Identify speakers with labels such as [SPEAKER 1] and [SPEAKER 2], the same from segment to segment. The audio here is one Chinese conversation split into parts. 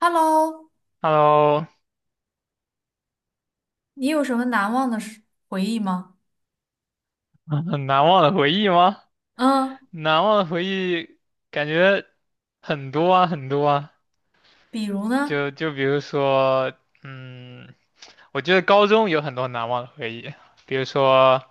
[SPEAKER 1] Hello，
[SPEAKER 2] Hello，
[SPEAKER 1] 你有什么难忘的事回忆吗？
[SPEAKER 2] 很难忘的回忆吗？
[SPEAKER 1] 嗯，
[SPEAKER 2] 难忘的回忆感觉很多啊，很多啊。
[SPEAKER 1] 比如呢？
[SPEAKER 2] 就比如说，嗯，我觉得高中有很多难忘的回忆，比如说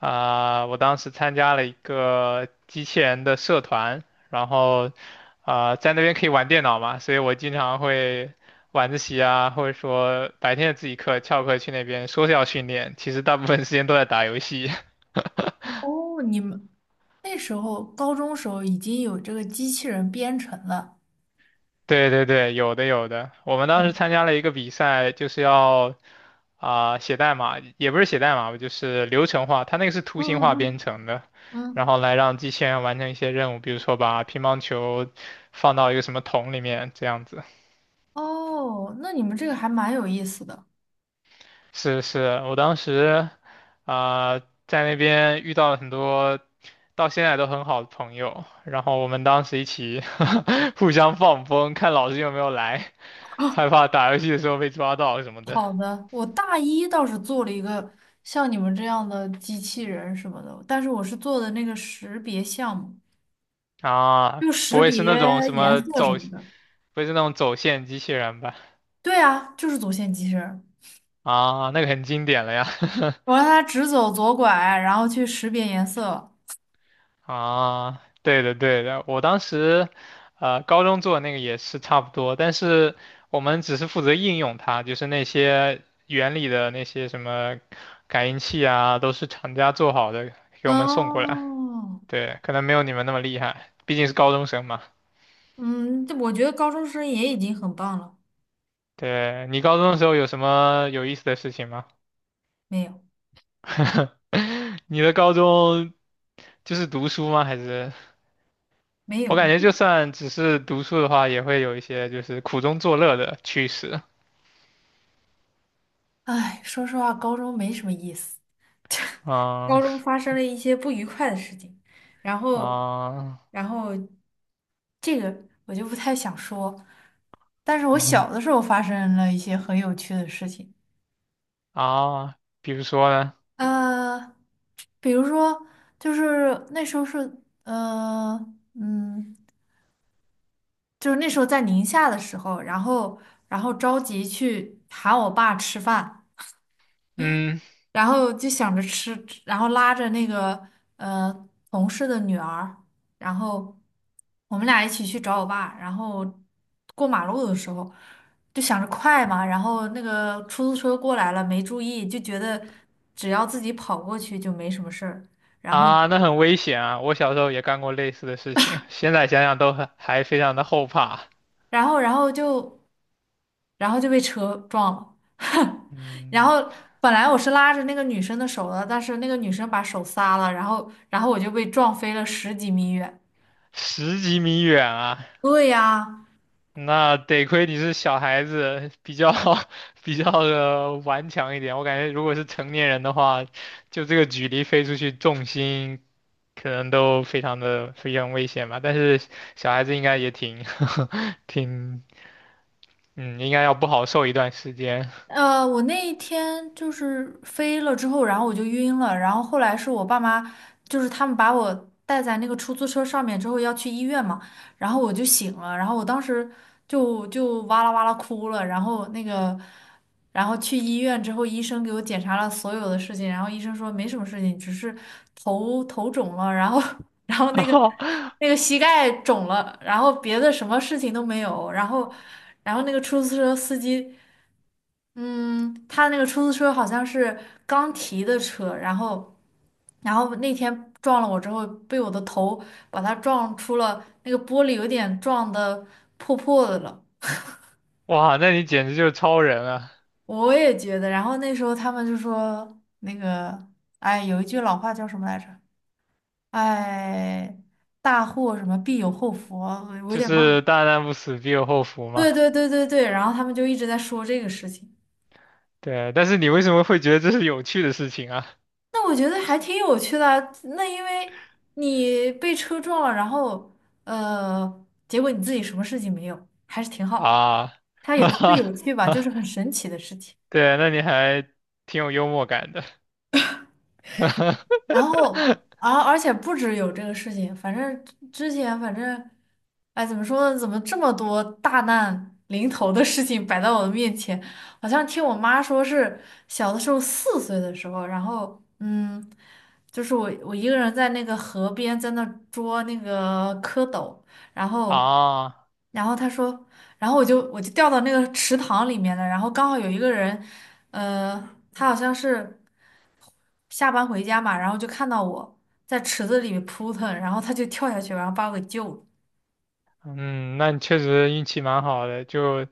[SPEAKER 2] 我当时参加了一个机器人的社团，然后在那边可以玩电脑嘛，所以我经常会晚自习啊，或者说白天的自习课翘课去那边说是要训练，其实大部分时间都在打游戏。
[SPEAKER 1] 哦，你们那时候高中时候已经有这个机器人编程了。
[SPEAKER 2] 对对对，有的有的。我们当时
[SPEAKER 1] 哦，
[SPEAKER 2] 参加了一个比赛，就是要写代码，也不是写代码吧，就是流程化。它那个是图
[SPEAKER 1] 嗯，
[SPEAKER 2] 形化编
[SPEAKER 1] 嗯，
[SPEAKER 2] 程的，
[SPEAKER 1] 嗯，
[SPEAKER 2] 然
[SPEAKER 1] 嗯，
[SPEAKER 2] 后来让机器人完成一些任务，比如说把乒乓球放到一个什么桶里面这样子。
[SPEAKER 1] 哦，那你们这个还蛮有意思的。
[SPEAKER 2] 是是，我当时啊、在那边遇到了很多到现在都很好的朋友，然后我们当时一起 互相放风，看老师有没有来，害怕打游戏的时候被抓到什么的。
[SPEAKER 1] 好的，我大一倒是做了一个像你们这样的机器人什么的，但是我是做的那个识别项目，
[SPEAKER 2] 啊，
[SPEAKER 1] 就
[SPEAKER 2] 不
[SPEAKER 1] 识
[SPEAKER 2] 会是
[SPEAKER 1] 别
[SPEAKER 2] 那种什
[SPEAKER 1] 颜
[SPEAKER 2] 么
[SPEAKER 1] 色什
[SPEAKER 2] 走，
[SPEAKER 1] 么
[SPEAKER 2] 不
[SPEAKER 1] 的。
[SPEAKER 2] 会是那种走线机器人吧？
[SPEAKER 1] 对啊，就是走线机器人，
[SPEAKER 2] 啊，那个很经典了呀。
[SPEAKER 1] 我让它直走左拐，然后去识别颜色。
[SPEAKER 2] 啊，对的对的，我当时，高中做的那个也是差不多，但是我们只是负责应用它，就是那些原理的那些什么感应器啊，都是厂家做好的，给我们送过来。
[SPEAKER 1] 哦，
[SPEAKER 2] 对，可能没有你们那么厉害，毕竟是高中生嘛。
[SPEAKER 1] 嗯，这我觉得高中生也已经很棒了。
[SPEAKER 2] 对，你高中的时候有什么有意思的事情吗？
[SPEAKER 1] 没有，
[SPEAKER 2] 你的高中就是读书吗？还是
[SPEAKER 1] 没
[SPEAKER 2] 我
[SPEAKER 1] 有，
[SPEAKER 2] 感觉就算只是读书的话，也会有一些就是苦中作乐的趣事。
[SPEAKER 1] 唉，说实话，高中没什么意思。高中
[SPEAKER 2] 嗯
[SPEAKER 1] 发生了一些不愉快的事情，然后，
[SPEAKER 2] 啊
[SPEAKER 1] 然后，这个我就不太想说，但是我
[SPEAKER 2] 嗯
[SPEAKER 1] 小的时候发生了一些很有趣的事情。
[SPEAKER 2] 比如说呢？
[SPEAKER 1] 呃，比如说，就是那时候是，嗯，就是那时候在宁夏的时候，然后然后着急去喊我爸吃饭，
[SPEAKER 2] 嗯
[SPEAKER 1] 然后就想着吃，然后拉着那个同事的女儿，然后我们俩一起去找我爸，然后过马路的时候就想着快嘛，然后那个出租车过来了，没注意，就觉得只要自己跑过去就没什么事儿，然后
[SPEAKER 2] 那很危险啊！我小时候也干过类似的事情，现在想想都很还非常的后怕。
[SPEAKER 1] 然后然后就。然后就被车撞了。然
[SPEAKER 2] 嗯，
[SPEAKER 1] 后本来我是拉着那个女生的手的，但是那个女生把手撒了，然后我就被撞飞了十几米远。
[SPEAKER 2] 十几米远啊，
[SPEAKER 1] 对呀。
[SPEAKER 2] 那得亏你是小孩子，比较 比较的顽强一点。我感觉如果是成年人的话，就这个距离飞出去，重心可能都非常的非常危险吧。但是小孩子应该也挺 挺嗯，应该要不好受一段时间。
[SPEAKER 1] 我那一天就是飞了之后，然后我就晕了，然后后来是我爸妈，就是他们把我带在那个出租车上面之后要去医院嘛，然后我就醒了，然后我当时就哇啦哇啦哭了，然后那个，然后去医院之后，医生给我检查了所有的事情，然后医生说没什么事情，只是头肿了，然后 然后那个 那个膝盖肿了，然后别的什么事情都没有。然后。然后那个出租车司机，嗯，他那个出租车好像是刚提的车，然后那天撞了我之后，被我的头把他撞出了那个玻璃，有点撞的破破的了。
[SPEAKER 2] 哇，那你简直就是超人啊！
[SPEAKER 1] 我也觉得。然后那时候他们就说那个，哎，有一句老话叫什么来着？哎，大祸什么必有后福，我有
[SPEAKER 2] 就
[SPEAKER 1] 点忘了。
[SPEAKER 2] 是大难不死必有后福嘛。
[SPEAKER 1] 对对对对对，然后他们就一直在说这个事情。
[SPEAKER 2] 对，但是你为什么会觉得这是有趣的事情啊？
[SPEAKER 1] 那我觉得还挺有趣的啊，那因为你被车撞了，然后结果你自己什么事情没有，还是挺好。
[SPEAKER 2] 啊，
[SPEAKER 1] 它也不是有趣吧，就是 很神奇的事情。
[SPEAKER 2] 对，那你还挺有幽默感的。
[SPEAKER 1] 然后，而且不止有这个事情，反正之前反正，哎，怎么说呢？怎么这么多大难临头的事情摆在我的面前？好像听我妈说是小的时候4岁的时候，然后就是我一个人在那个河边在那捉那个蝌蚪，然后
[SPEAKER 2] 啊，
[SPEAKER 1] 她说，然后我就掉到那个池塘里面了，然后刚好有一个人，呃，他好像是下班回家嘛，然后就看到我在池子里面扑腾，然后他就跳下去，然后把我给救了。
[SPEAKER 2] 嗯，那你确实运气蛮好的。就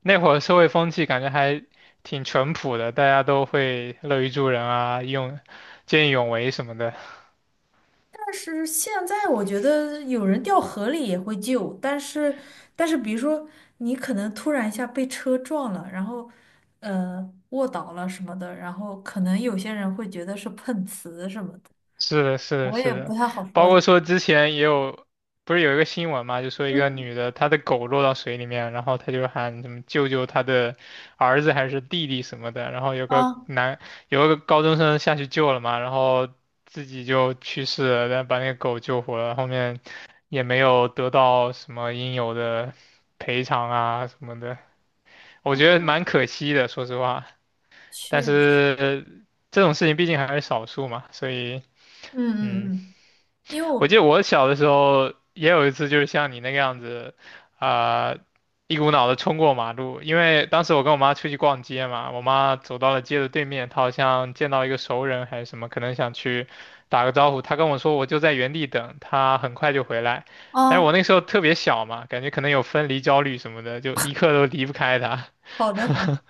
[SPEAKER 2] 那会儿社会风气感觉还挺淳朴的，大家都会乐于助人啊，用见义勇为什么的。
[SPEAKER 1] 但是现在我觉得有人掉河里也会救，但是比如说你可能突然一下被车撞了，然后卧倒了什么的，然后可能有些人会觉得是碰瓷什么的，
[SPEAKER 2] 是的，是的，
[SPEAKER 1] 我
[SPEAKER 2] 是
[SPEAKER 1] 也不
[SPEAKER 2] 的，
[SPEAKER 1] 太好
[SPEAKER 2] 包
[SPEAKER 1] 说。
[SPEAKER 2] 括说 之前也有，不是有一个新闻嘛，就说一个
[SPEAKER 1] 嗯，
[SPEAKER 2] 女的，她的狗落到水里面，然后她就喊什么救救她的儿子还是弟弟什么的，然后
[SPEAKER 1] 啊，
[SPEAKER 2] 有个高中生下去救了嘛，然后自己就去世了，但把那个狗救活了，后面也没有得到什么应有的赔偿啊什么的，我觉得
[SPEAKER 1] 我
[SPEAKER 2] 蛮可惜的，说实话，但
[SPEAKER 1] 去，嗯，
[SPEAKER 2] 是这种事情毕竟还是少数嘛，所以嗯。
[SPEAKER 1] 嗯，嗯，因为我，
[SPEAKER 2] 我记得我小的时候也有一次，就是像你那个样子，啊、一股脑的冲过马路。因为当时我跟我妈出去逛街嘛，我妈走到了街的对面，她好像见到一个熟人还是什么，可能想去打个招呼。她跟我说，我就在原地等，她很快就回来。但是我
[SPEAKER 1] 啊，
[SPEAKER 2] 那时候特别小嘛，感觉可能有分离焦虑什么的，就一刻都离不开她。
[SPEAKER 1] 好的，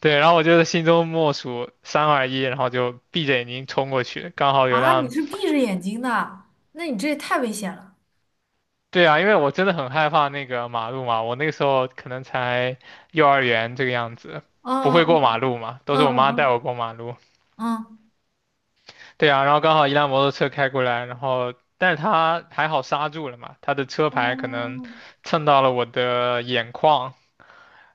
[SPEAKER 2] 对，然后我就是心中默数三二一，然后就闭着眼睛冲过去，刚好有
[SPEAKER 1] 啊，你
[SPEAKER 2] 辆。
[SPEAKER 1] 是闭着眼睛的，那你这也太危险了。
[SPEAKER 2] 对啊，因为我真的很害怕那个马路嘛，我那个时候可能才幼儿园这个样子，不会
[SPEAKER 1] 嗯。
[SPEAKER 2] 过马路嘛，都
[SPEAKER 1] 嗯，
[SPEAKER 2] 是我妈带
[SPEAKER 1] 嗯，
[SPEAKER 2] 我过马路。
[SPEAKER 1] 嗯，嗯，
[SPEAKER 2] 对啊，然后刚好一辆摩托车开过来，然后但是他还好刹住了嘛，他的车牌可能
[SPEAKER 1] 哦，
[SPEAKER 2] 蹭到了我的眼眶，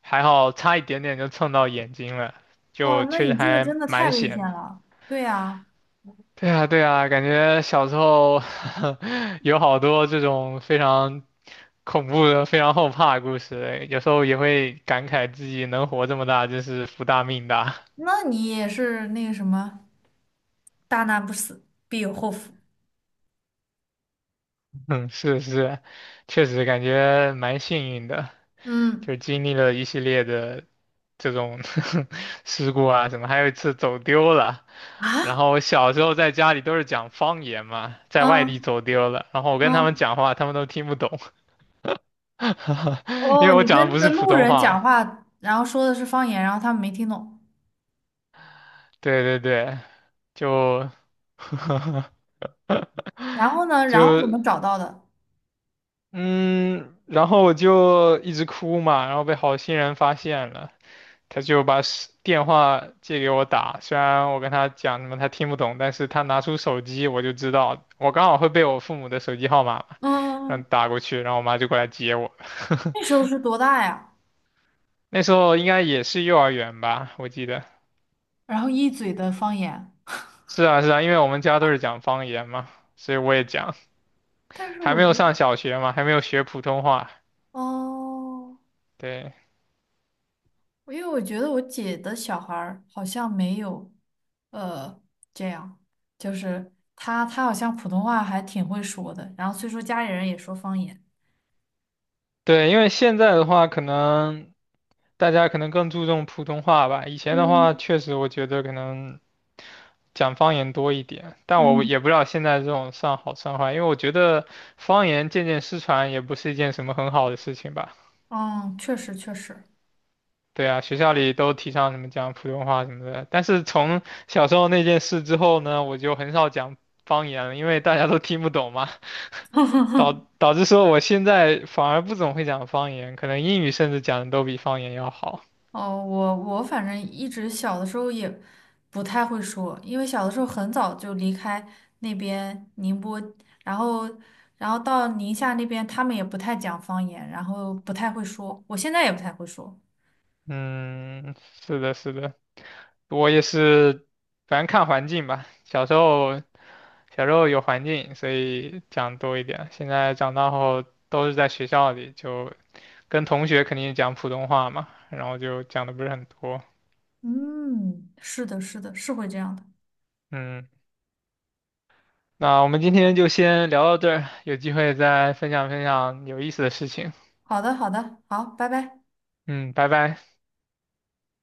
[SPEAKER 2] 还好差一点点就蹭到眼睛了，
[SPEAKER 1] 哇，
[SPEAKER 2] 就
[SPEAKER 1] 那
[SPEAKER 2] 确实
[SPEAKER 1] 你这个
[SPEAKER 2] 还
[SPEAKER 1] 真的太
[SPEAKER 2] 蛮
[SPEAKER 1] 危险
[SPEAKER 2] 险的。
[SPEAKER 1] 了。对呀，
[SPEAKER 2] 对啊，对啊，感觉小时候 有好多这种非常恐怖的、非常后怕的故事，哎有时候也会感慨自己能活这么大，真是福大命大。
[SPEAKER 1] 那你也是那个什么，大难不死，必有后福。
[SPEAKER 2] 嗯，是是，确实感觉蛮幸运的，
[SPEAKER 1] 嗯，
[SPEAKER 2] 就是经历了一系列的这种 事故啊什么，还有一次走丢了。然
[SPEAKER 1] 啊，
[SPEAKER 2] 后我小时候在家里都是讲方言嘛，在外地
[SPEAKER 1] 嗯，
[SPEAKER 2] 走丢了，然后我跟他们
[SPEAKER 1] 嗯，
[SPEAKER 2] 讲话，他们都听不懂。因为
[SPEAKER 1] 哦，
[SPEAKER 2] 我
[SPEAKER 1] 你跟
[SPEAKER 2] 讲的
[SPEAKER 1] 那
[SPEAKER 2] 不
[SPEAKER 1] 个
[SPEAKER 2] 是普
[SPEAKER 1] 路
[SPEAKER 2] 通
[SPEAKER 1] 人
[SPEAKER 2] 话嘛。
[SPEAKER 1] 讲话，然后说的是方言，然后他们没听懂，
[SPEAKER 2] 对对对，就
[SPEAKER 1] 然后呢，然后怎么
[SPEAKER 2] 就
[SPEAKER 1] 找到的？
[SPEAKER 2] 嗯，然后我就一直哭嘛，然后被好心人发现了，他就把手电话借给我打，虽然我跟他讲什么他听不懂，但是他拿出手机我就知道，我刚好会背我父母的手机号码嘛，然后
[SPEAKER 1] 嗯，
[SPEAKER 2] 打过去，然后我妈就过来接我。
[SPEAKER 1] 那时 候是多大呀？
[SPEAKER 2] 那时候应该也是幼儿园吧，我记得。
[SPEAKER 1] 然后一嘴的方言，
[SPEAKER 2] 是啊，是啊，因为我们家都是讲方言嘛，所以我也讲。
[SPEAKER 1] 但是
[SPEAKER 2] 还
[SPEAKER 1] 我
[SPEAKER 2] 没有
[SPEAKER 1] 觉得，
[SPEAKER 2] 上小学嘛，还没有学普通话。
[SPEAKER 1] 哦。
[SPEAKER 2] 对
[SPEAKER 1] 因为我觉得我姐的小孩儿好像没有，呃，这样，就是她好像普通话还挺会说的，然后虽说家里人也说方言。
[SPEAKER 2] 对，因为现在的话，可能大家可能更注重普通话吧。以前的话，
[SPEAKER 1] 嗯，
[SPEAKER 2] 确实我觉得可能讲方言多一点，但我也
[SPEAKER 1] 嗯，
[SPEAKER 2] 不知道现在这种算好算坏，因为我觉得方言渐渐失传也不是一件什么很好的事情吧。
[SPEAKER 1] 嗯，确实确实。
[SPEAKER 2] 对啊，学校里都提倡什么讲普通话什么的，但是从小时候那件事之后呢，我就很少讲方言了，因为大家都听不懂嘛。导导致说我现在反而不怎么会讲方言，可能英语甚至讲的都比方言要好。
[SPEAKER 1] 哦，我反正一直小的时候也不太会说，因为小的时候很早就离开那边宁波，然后到宁夏那边，他们也不太讲方言，然后不太会说，我现在也不太会说。
[SPEAKER 2] 嗯，是的，是的，我也是，反正看环境吧。小时候，小时候有环境，所以讲多一点。现在长大后都是在学校里，就跟同学肯定讲普通话嘛，然后就讲的不是很多。
[SPEAKER 1] 嗯，是的，是的，是会这样的。
[SPEAKER 2] 嗯，那我们今天就先聊到这儿，有机会再分享分享有意思的事情。
[SPEAKER 1] 好的，好的，好，拜拜。
[SPEAKER 2] 嗯，拜拜。